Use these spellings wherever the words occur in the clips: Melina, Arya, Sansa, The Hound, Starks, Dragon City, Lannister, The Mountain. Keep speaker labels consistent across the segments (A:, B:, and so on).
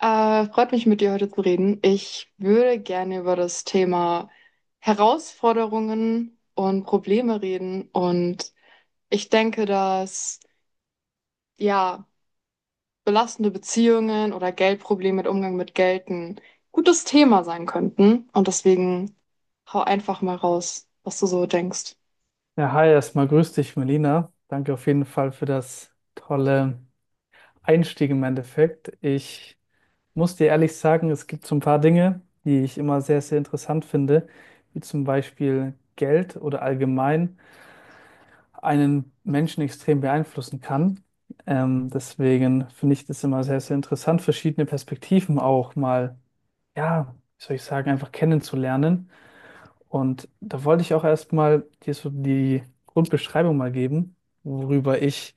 A: Freut mich, mit dir heute zu reden. Ich würde gerne über das Thema Herausforderungen und Probleme reden. Und ich denke, dass ja, belastende Beziehungen oder Geldprobleme mit Umgang mit Geld ein gutes Thema sein könnten. Und deswegen hau einfach mal raus, was du so denkst.
B: Ja, hi, erstmal grüß dich, Melina. Danke auf jeden Fall für das tolle Einstieg im Endeffekt. Ich muss dir ehrlich sagen, es gibt so ein paar Dinge, die ich immer sehr, sehr interessant finde, wie zum Beispiel Geld oder allgemein einen Menschen extrem beeinflussen kann. Deswegen finde ich das immer sehr, sehr interessant, verschiedene Perspektiven auch mal, ja, wie soll ich sagen, einfach kennenzulernen. Und da wollte ich auch erstmal dir so die Grundbeschreibung mal geben, worüber ich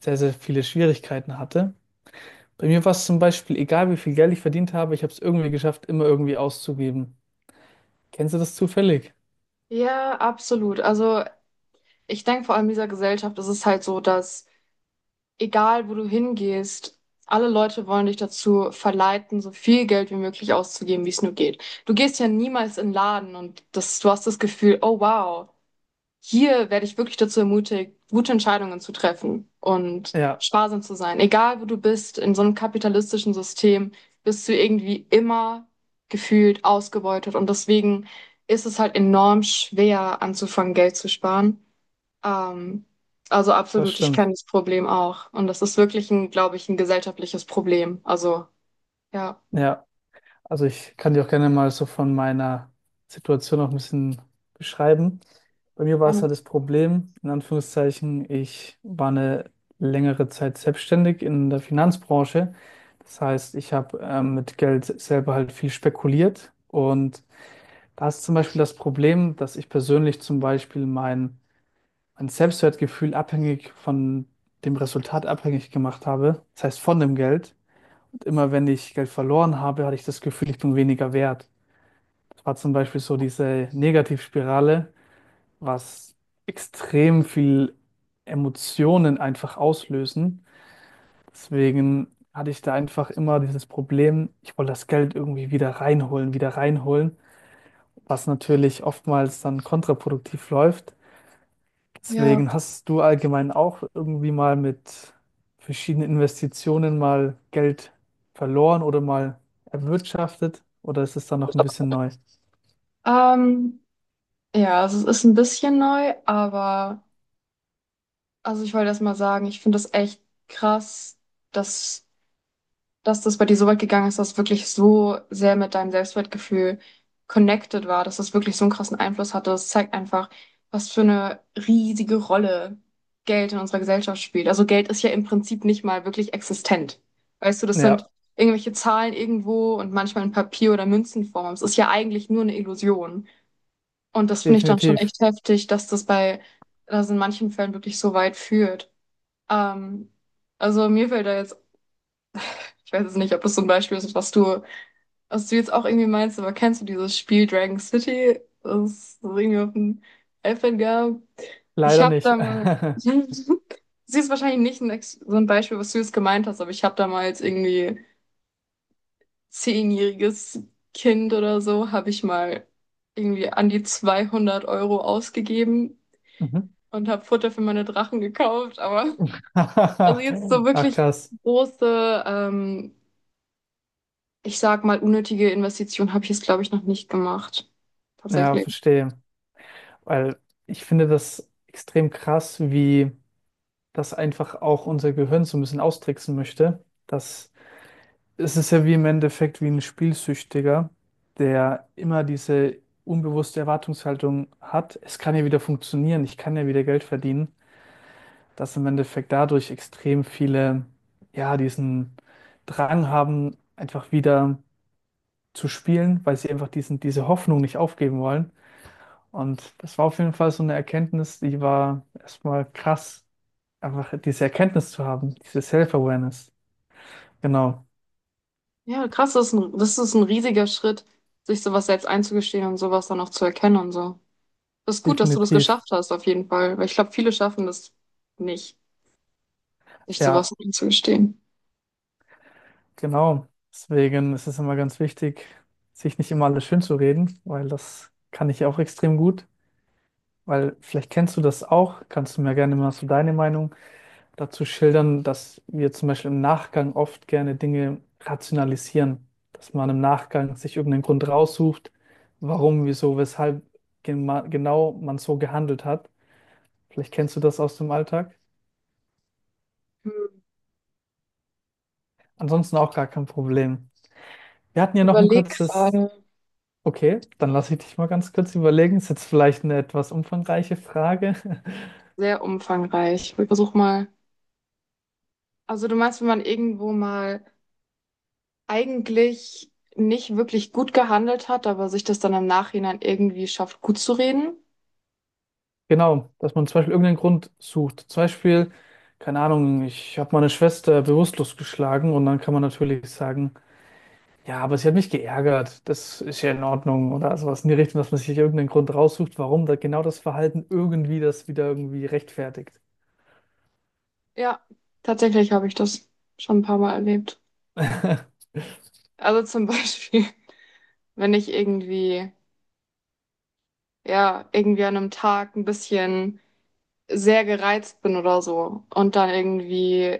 B: sehr, sehr viele Schwierigkeiten hatte. Bei mir war es zum Beispiel, egal wie viel Geld ich verdient habe, ich habe es irgendwie geschafft, immer irgendwie auszugeben. Kennst du das zufällig?
A: Ja, absolut. Also ich denke vor allem in dieser Gesellschaft ist es halt so, dass egal, wo du hingehst, alle Leute wollen dich dazu verleiten, so viel Geld wie möglich auszugeben, wie es nur geht. Du gehst ja niemals in den Laden und das, du hast das Gefühl, oh wow, hier werde ich wirklich dazu ermutigt, gute Entscheidungen zu treffen und
B: Ja,
A: sparsam zu sein. Egal, wo du bist, in so einem kapitalistischen System bist du irgendwie immer gefühlt ausgebeutet und deswegen ist es halt enorm schwer anzufangen, Geld zu sparen. Ähm, also
B: das
A: absolut, ich kenne
B: stimmt.
A: das Problem auch. Und das ist wirklich ein, glaube ich, ein gesellschaftliches Problem. Also, ja,
B: Ja. Also ich kann dir auch gerne mal so von meiner Situation auch ein bisschen beschreiben. Bei mir war es
A: gerne.
B: halt das Problem, in Anführungszeichen, ich war eine längere Zeit selbstständig in der Finanzbranche. Das heißt, ich habe mit Geld selber halt viel spekuliert. Und da ist zum Beispiel das Problem, dass ich persönlich zum Beispiel mein Selbstwertgefühl abhängig von dem Resultat abhängig gemacht habe. Das heißt, von dem Geld. Und immer wenn ich Geld verloren habe, hatte ich das Gefühl, ich bin weniger wert. Es war zum Beispiel so diese Negativspirale, was extrem viel Emotionen einfach auslösen. Deswegen hatte ich da einfach immer dieses Problem, ich wollte das Geld irgendwie wieder reinholen, was natürlich oftmals dann kontraproduktiv läuft.
A: Ja.
B: Deswegen hast du allgemein auch irgendwie mal mit verschiedenen Investitionen mal Geld verloren oder mal erwirtschaftet oder ist es dann noch ein bisschen neu?
A: Ähm, ja, also es ist ein bisschen neu, aber also ich wollte erst mal sagen, ich finde das echt krass, dass dass das bei dir so weit gegangen ist, dass es wirklich so sehr mit deinem Selbstwertgefühl connected war, dass das wirklich so einen krassen Einfluss hatte. Das zeigt einfach, was für eine riesige Rolle Geld in unserer Gesellschaft spielt. Also Geld ist ja im Prinzip nicht mal wirklich existent. Weißt du, das sind
B: Ja,
A: irgendwelche Zahlen irgendwo und manchmal in Papier- oder Münzenform. Aber es ist ja eigentlich nur eine Illusion. Und das finde ich dann schon
B: definitiv.
A: echt heftig, dass in manchen Fällen wirklich so weit führt. Ähm, also mir fällt da jetzt, ich weiß jetzt nicht, ob das so ein Beispiel ist, was du jetzt auch irgendwie meinst, aber kennst du dieses Spiel Dragon City, das es irgendwie auf dem iPad gab? Ich
B: Leider
A: habe
B: nicht.
A: da mal, das ist wahrscheinlich nicht ein, Ex- so ein Beispiel, was du jetzt gemeint hast, aber ich habe damals irgendwie 10-jähriges Kind oder so, habe ich mal irgendwie an die 200 € ausgegeben
B: Mhm.
A: und habe Futter für meine Drachen gekauft, aber also jetzt so
B: Ach
A: wirklich
B: krass.
A: große, ich sag mal, unnötige Investition habe ich jetzt, glaube ich, noch nicht gemacht.
B: Ja,
A: Tatsächlich.
B: verstehe. Weil ich finde das extrem krass, wie das einfach auch unser Gehirn so ein bisschen austricksen möchte. Das, es ist ja wie im Endeffekt wie ein Spielsüchtiger, der immer diese unbewusste Erwartungshaltung hat, es kann ja wieder funktionieren, ich kann ja wieder Geld verdienen, dass im Endeffekt dadurch extrem viele, ja, diesen Drang haben, einfach wieder zu spielen, weil sie einfach diese Hoffnung nicht aufgeben wollen. Und das war auf jeden Fall so eine Erkenntnis, die war erstmal krass, einfach diese Erkenntnis zu haben, diese Self-Awareness. Genau,
A: Ja, krass, das ist ein riesiger Schritt, sich sowas selbst einzugestehen und sowas dann auch zu erkennen und so. Das ist gut, dass du das
B: definitiv.
A: geschafft hast, auf jeden Fall, weil ich glaube, viele schaffen das nicht, sich sowas
B: Ja,
A: einzugestehen.
B: genau. Deswegen ist es immer ganz wichtig, sich nicht immer alles schön zu reden, weil das kann ich auch extrem gut. Weil vielleicht kennst du das auch, kannst du mir gerne mal so deine Meinung dazu schildern, dass wir zum Beispiel im Nachgang oft gerne Dinge rationalisieren, dass man im Nachgang sich irgendeinen Grund raussucht, warum, wieso, weshalb genau man so gehandelt hat. Vielleicht kennst du das aus dem Alltag.
A: Hm.
B: Ansonsten auch gar kein Problem. Wir hatten ja noch ein
A: Überleg
B: kurzes,
A: gerade.
B: okay, dann lasse ich dich mal ganz kurz überlegen. Ist jetzt vielleicht eine etwas umfangreiche Frage.
A: Sehr umfangreich. Ich versuch mal. Also du meinst, wenn man irgendwo mal eigentlich nicht wirklich gut gehandelt hat, aber sich das dann im Nachhinein irgendwie schafft, gut zu reden?
B: Genau, dass man zum Beispiel irgendeinen Grund sucht. Zum Beispiel, keine Ahnung, ich habe meine Schwester bewusstlos geschlagen und dann kann man natürlich sagen, ja, aber sie hat mich geärgert. Das ist ja in Ordnung oder sowas in die Richtung, dass man sich irgendeinen Grund raussucht, warum da genau das Verhalten irgendwie das wieder irgendwie rechtfertigt.
A: Ja, tatsächlich habe ich das schon ein paar Mal erlebt. Also zum Beispiel, wenn ich irgendwie ja, irgendwie an einem Tag ein bisschen sehr gereizt bin oder so und dann irgendwie,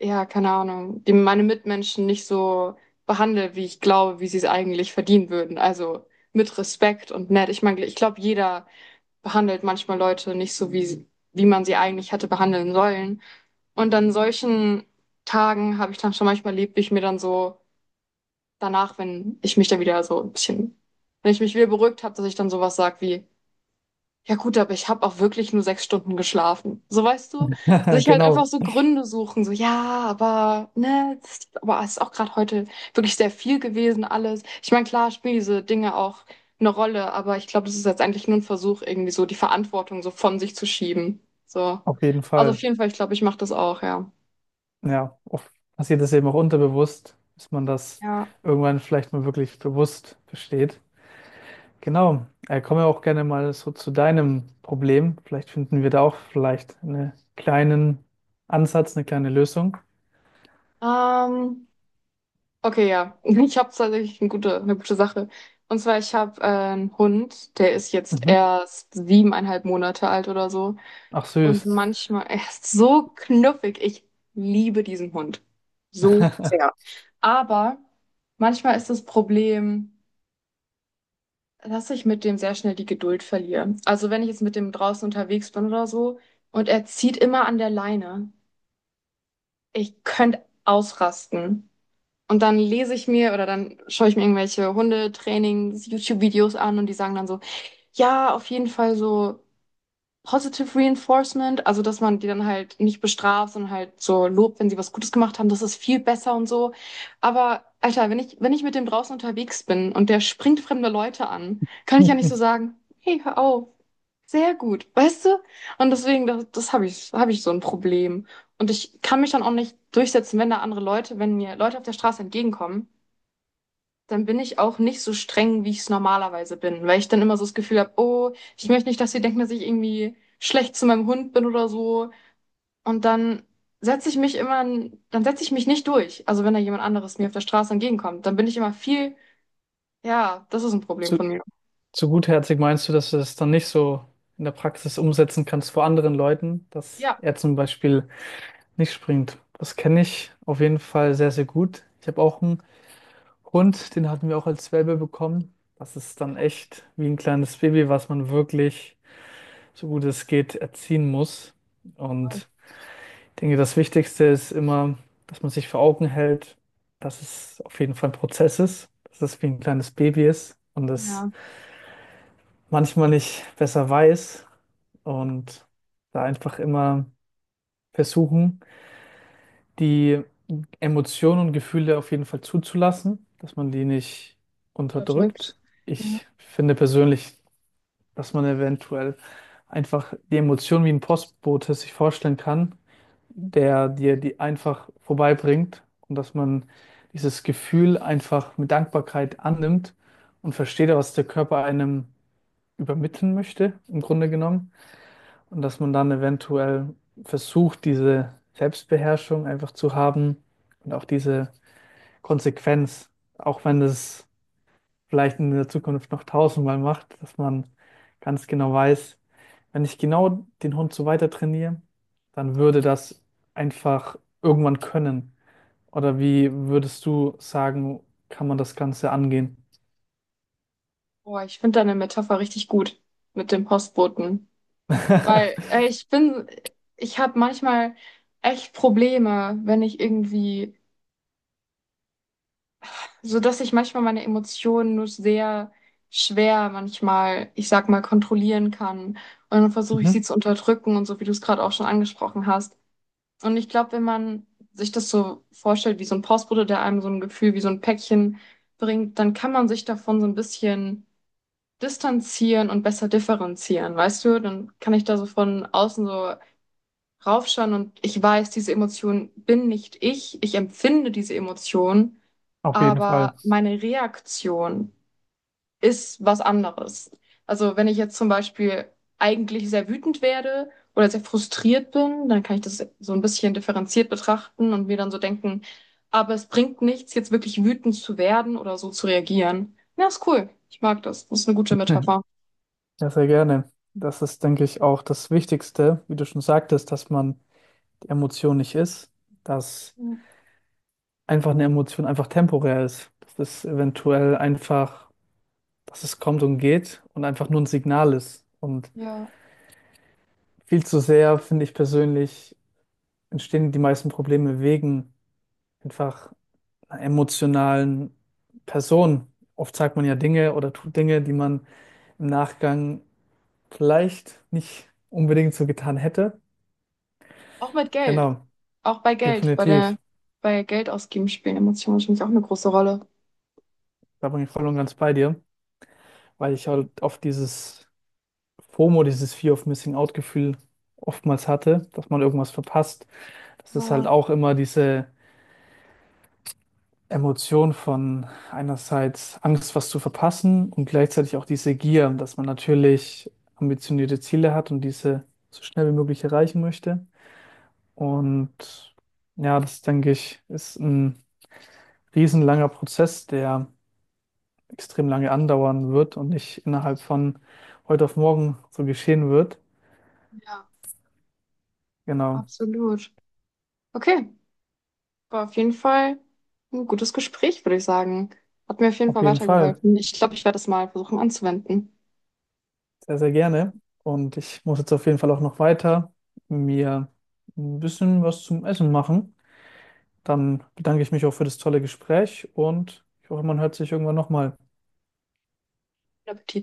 A: ja, keine Ahnung, die, meine Mitmenschen nicht so behandle, wie ich glaube, wie sie es eigentlich verdienen würden. Also mit Respekt und nett. Ich meine, ich glaube, jeder behandelt manchmal Leute nicht so, wie man sie eigentlich hätte behandeln sollen. Und an solchen Tagen habe ich dann schon manchmal erlebt, wie ich mir dann so danach, wenn ich mich dann wieder so ein bisschen, wenn ich mich wieder beruhigt habe, dass ich dann sowas sage wie, ja gut, aber ich habe auch wirklich nur 6 Stunden geschlafen. So weißt du, sich halt einfach
B: Genau,
A: so Gründe suchen, so ja, aber ne, das ist, aber es ist auch gerade heute wirklich sehr viel gewesen alles. Ich meine, klar spielen diese Dinge auch eine Rolle, aber ich glaube, das ist jetzt eigentlich nur ein Versuch, irgendwie so die Verantwortung so von sich zu schieben. So.
B: auf jeden
A: Also auf
B: Fall.
A: jeden Fall, ich glaube, ich mache das auch, ja.
B: Ja, oft passiert das eben auch unterbewusst, dass man das
A: Ja.
B: irgendwann vielleicht mal wirklich bewusst versteht. Genau, kommen wir auch gerne mal so zu deinem Problem. Vielleicht finden wir da auch vielleicht einen kleinen Ansatz, eine kleine Lösung.
A: Ähm, Okay, ja. Ich habe tatsächlich eine gute Sache. Und zwar, ich habe einen Hund, der ist jetzt
B: Mhm.
A: erst 7,5 Monate alt oder so.
B: Ach
A: Und
B: süß.
A: manchmal, er ist so knuffig. Ich liebe diesen Hund. So sehr. Aber manchmal ist das Problem, dass ich mit dem sehr schnell die Geduld verliere. Also wenn ich jetzt mit dem draußen unterwegs bin oder so und er zieht immer an der Leine, ich könnte ausrasten. Und dann lese ich mir oder dann schaue ich mir irgendwelche Hundetrainings-YouTube-Videos an und die sagen dann so, ja, auf jeden Fall so Positive Reinforcement, also dass man die dann halt nicht bestraft, sondern halt so lobt, wenn sie was Gutes gemacht haben, das ist viel besser und so. Aber Alter, wenn ich mit dem draußen unterwegs bin und der springt fremde Leute an, kann ich ja nicht so sagen, hey, hör auf, sehr gut, weißt du? Und deswegen, das habe ich so ein Problem. Und ich kann mich dann auch nicht durchsetzen, wenn da andere Leute, wenn mir Leute auf der Straße entgegenkommen, dann bin ich auch nicht so streng, wie ich es normalerweise bin, weil ich dann immer so das Gefühl habe, oh, ich möchte nicht, dass sie denken, dass ich irgendwie schlecht zu meinem Hund bin oder so. Und dann setze ich mich immer, setze ich mich nicht durch. Also wenn da jemand anderes mir auf der Straße entgegenkommt, dann bin ich immer viel, ja, das ist ein Problem
B: So,
A: von mir.
B: zu gutherzig meinst du, dass du das dann nicht so in der Praxis umsetzen kannst vor anderen Leuten, dass
A: Ja,
B: er zum Beispiel nicht springt? Das kenne ich auf jeden Fall sehr, sehr gut. Ich habe auch einen Hund, den hatten wir auch als Welpe bekommen. Das ist dann echt wie ein kleines Baby, was man wirklich, so gut es geht, erziehen muss.
A: voll.
B: Und ich denke, das Wichtigste ist immer, dass man sich vor Augen hält, dass es auf jeden Fall ein Prozess ist, dass es wie ein kleines Baby ist und dass
A: Ja,
B: manchmal nicht besser weiß und da einfach immer versuchen, die Emotionen und Gefühle auf jeden Fall zuzulassen, dass man die nicht unterdrückt.
A: unterdrückt. Ja.
B: Ich finde persönlich, dass man eventuell einfach die Emotionen wie ein Postbote sich vorstellen kann, der dir die einfach vorbeibringt und dass man dieses Gefühl einfach mit Dankbarkeit annimmt und versteht, was der Körper einem übermitteln möchte, im Grunde genommen. Und dass man dann eventuell versucht, diese Selbstbeherrschung einfach zu haben und auch diese Konsequenz, auch wenn das vielleicht in der Zukunft noch tausendmal macht, dass man ganz genau weiß, wenn ich genau den Hund so weiter trainiere, dann würde das einfach irgendwann können. Oder wie würdest du sagen, kann man das Ganze angehen?
A: Boah, ich finde deine Metapher richtig gut mit dem Postboten, weil ich habe manchmal echt Probleme, wenn ich irgendwie so dass ich manchmal meine Emotionen nur sehr schwer manchmal, ich sag mal, kontrollieren kann. Und dann versuche ich sie
B: Mhm,
A: zu unterdrücken und so, wie du es gerade auch schon angesprochen hast. Und ich glaube, wenn man sich das so vorstellt, wie so ein Postbote, der einem so ein Gefühl wie so ein Päckchen bringt, dann kann man sich davon so ein bisschen distanzieren und besser differenzieren, weißt du? Dann kann ich da so von außen so raufschauen und ich weiß, diese Emotion bin nicht ich, ich empfinde diese Emotion,
B: auf jeden Fall.
A: aber meine Reaktion ist was anderes. Also wenn ich jetzt zum Beispiel eigentlich sehr wütend werde oder sehr frustriert bin, dann kann ich das so ein bisschen differenziert betrachten und mir dann so denken, aber es bringt nichts, jetzt wirklich wütend zu werden oder so zu reagieren. Ja, ist cool. Ich mag das. Das ist eine gute Metapher.
B: Ja, sehr gerne. Das ist, denke ich, auch das Wichtigste, wie du schon sagtest, dass man die Emotion nicht ist, dass
A: Ja,
B: einfach eine Emotion einfach temporär ist, dass es eventuell einfach, dass es kommt und geht und einfach nur ein Signal ist. Und
A: ja.
B: viel zu sehr, finde ich persönlich, entstehen die meisten Probleme wegen einfach einer emotionalen Person. Oft sagt man ja Dinge oder tut Dinge, die man im Nachgang vielleicht nicht unbedingt so getan hätte.
A: Auch mit Geld.
B: Genau.
A: Auch bei Geld.
B: Definitiv.
A: Bei Geld ausgeben spielen Emotionen natürlich auch eine große Rolle.
B: Da bin ich voll und ganz bei dir, weil ich halt oft dieses FOMO, dieses Fear of Missing Out Gefühl oftmals hatte, dass man irgendwas verpasst. Das ist halt
A: Ja,
B: auch immer diese Emotion von einerseits Angst, was zu verpassen und gleichzeitig auch diese Gier, dass man natürlich ambitionierte Ziele hat und diese so schnell wie möglich erreichen möchte. Und ja, das denke ich, ist ein riesenlanger Prozess, der extrem lange andauern wird und nicht innerhalb von heute auf morgen so geschehen wird.
A: ja,
B: Genau,
A: absolut. Okay. War auf jeden Fall ein gutes Gespräch, würde ich sagen. Hat mir auf jeden
B: auf
A: Fall
B: jeden Fall.
A: weitergeholfen. Ich glaube, ich werde das mal versuchen anzuwenden.
B: Sehr, sehr gerne. Und ich muss jetzt auf jeden Fall auch noch weiter mir ein bisschen was zum Essen machen. Dann bedanke ich mich auch für das tolle Gespräch und ich hoffe, man hört sich irgendwann nochmal.
A: Guten Appetit.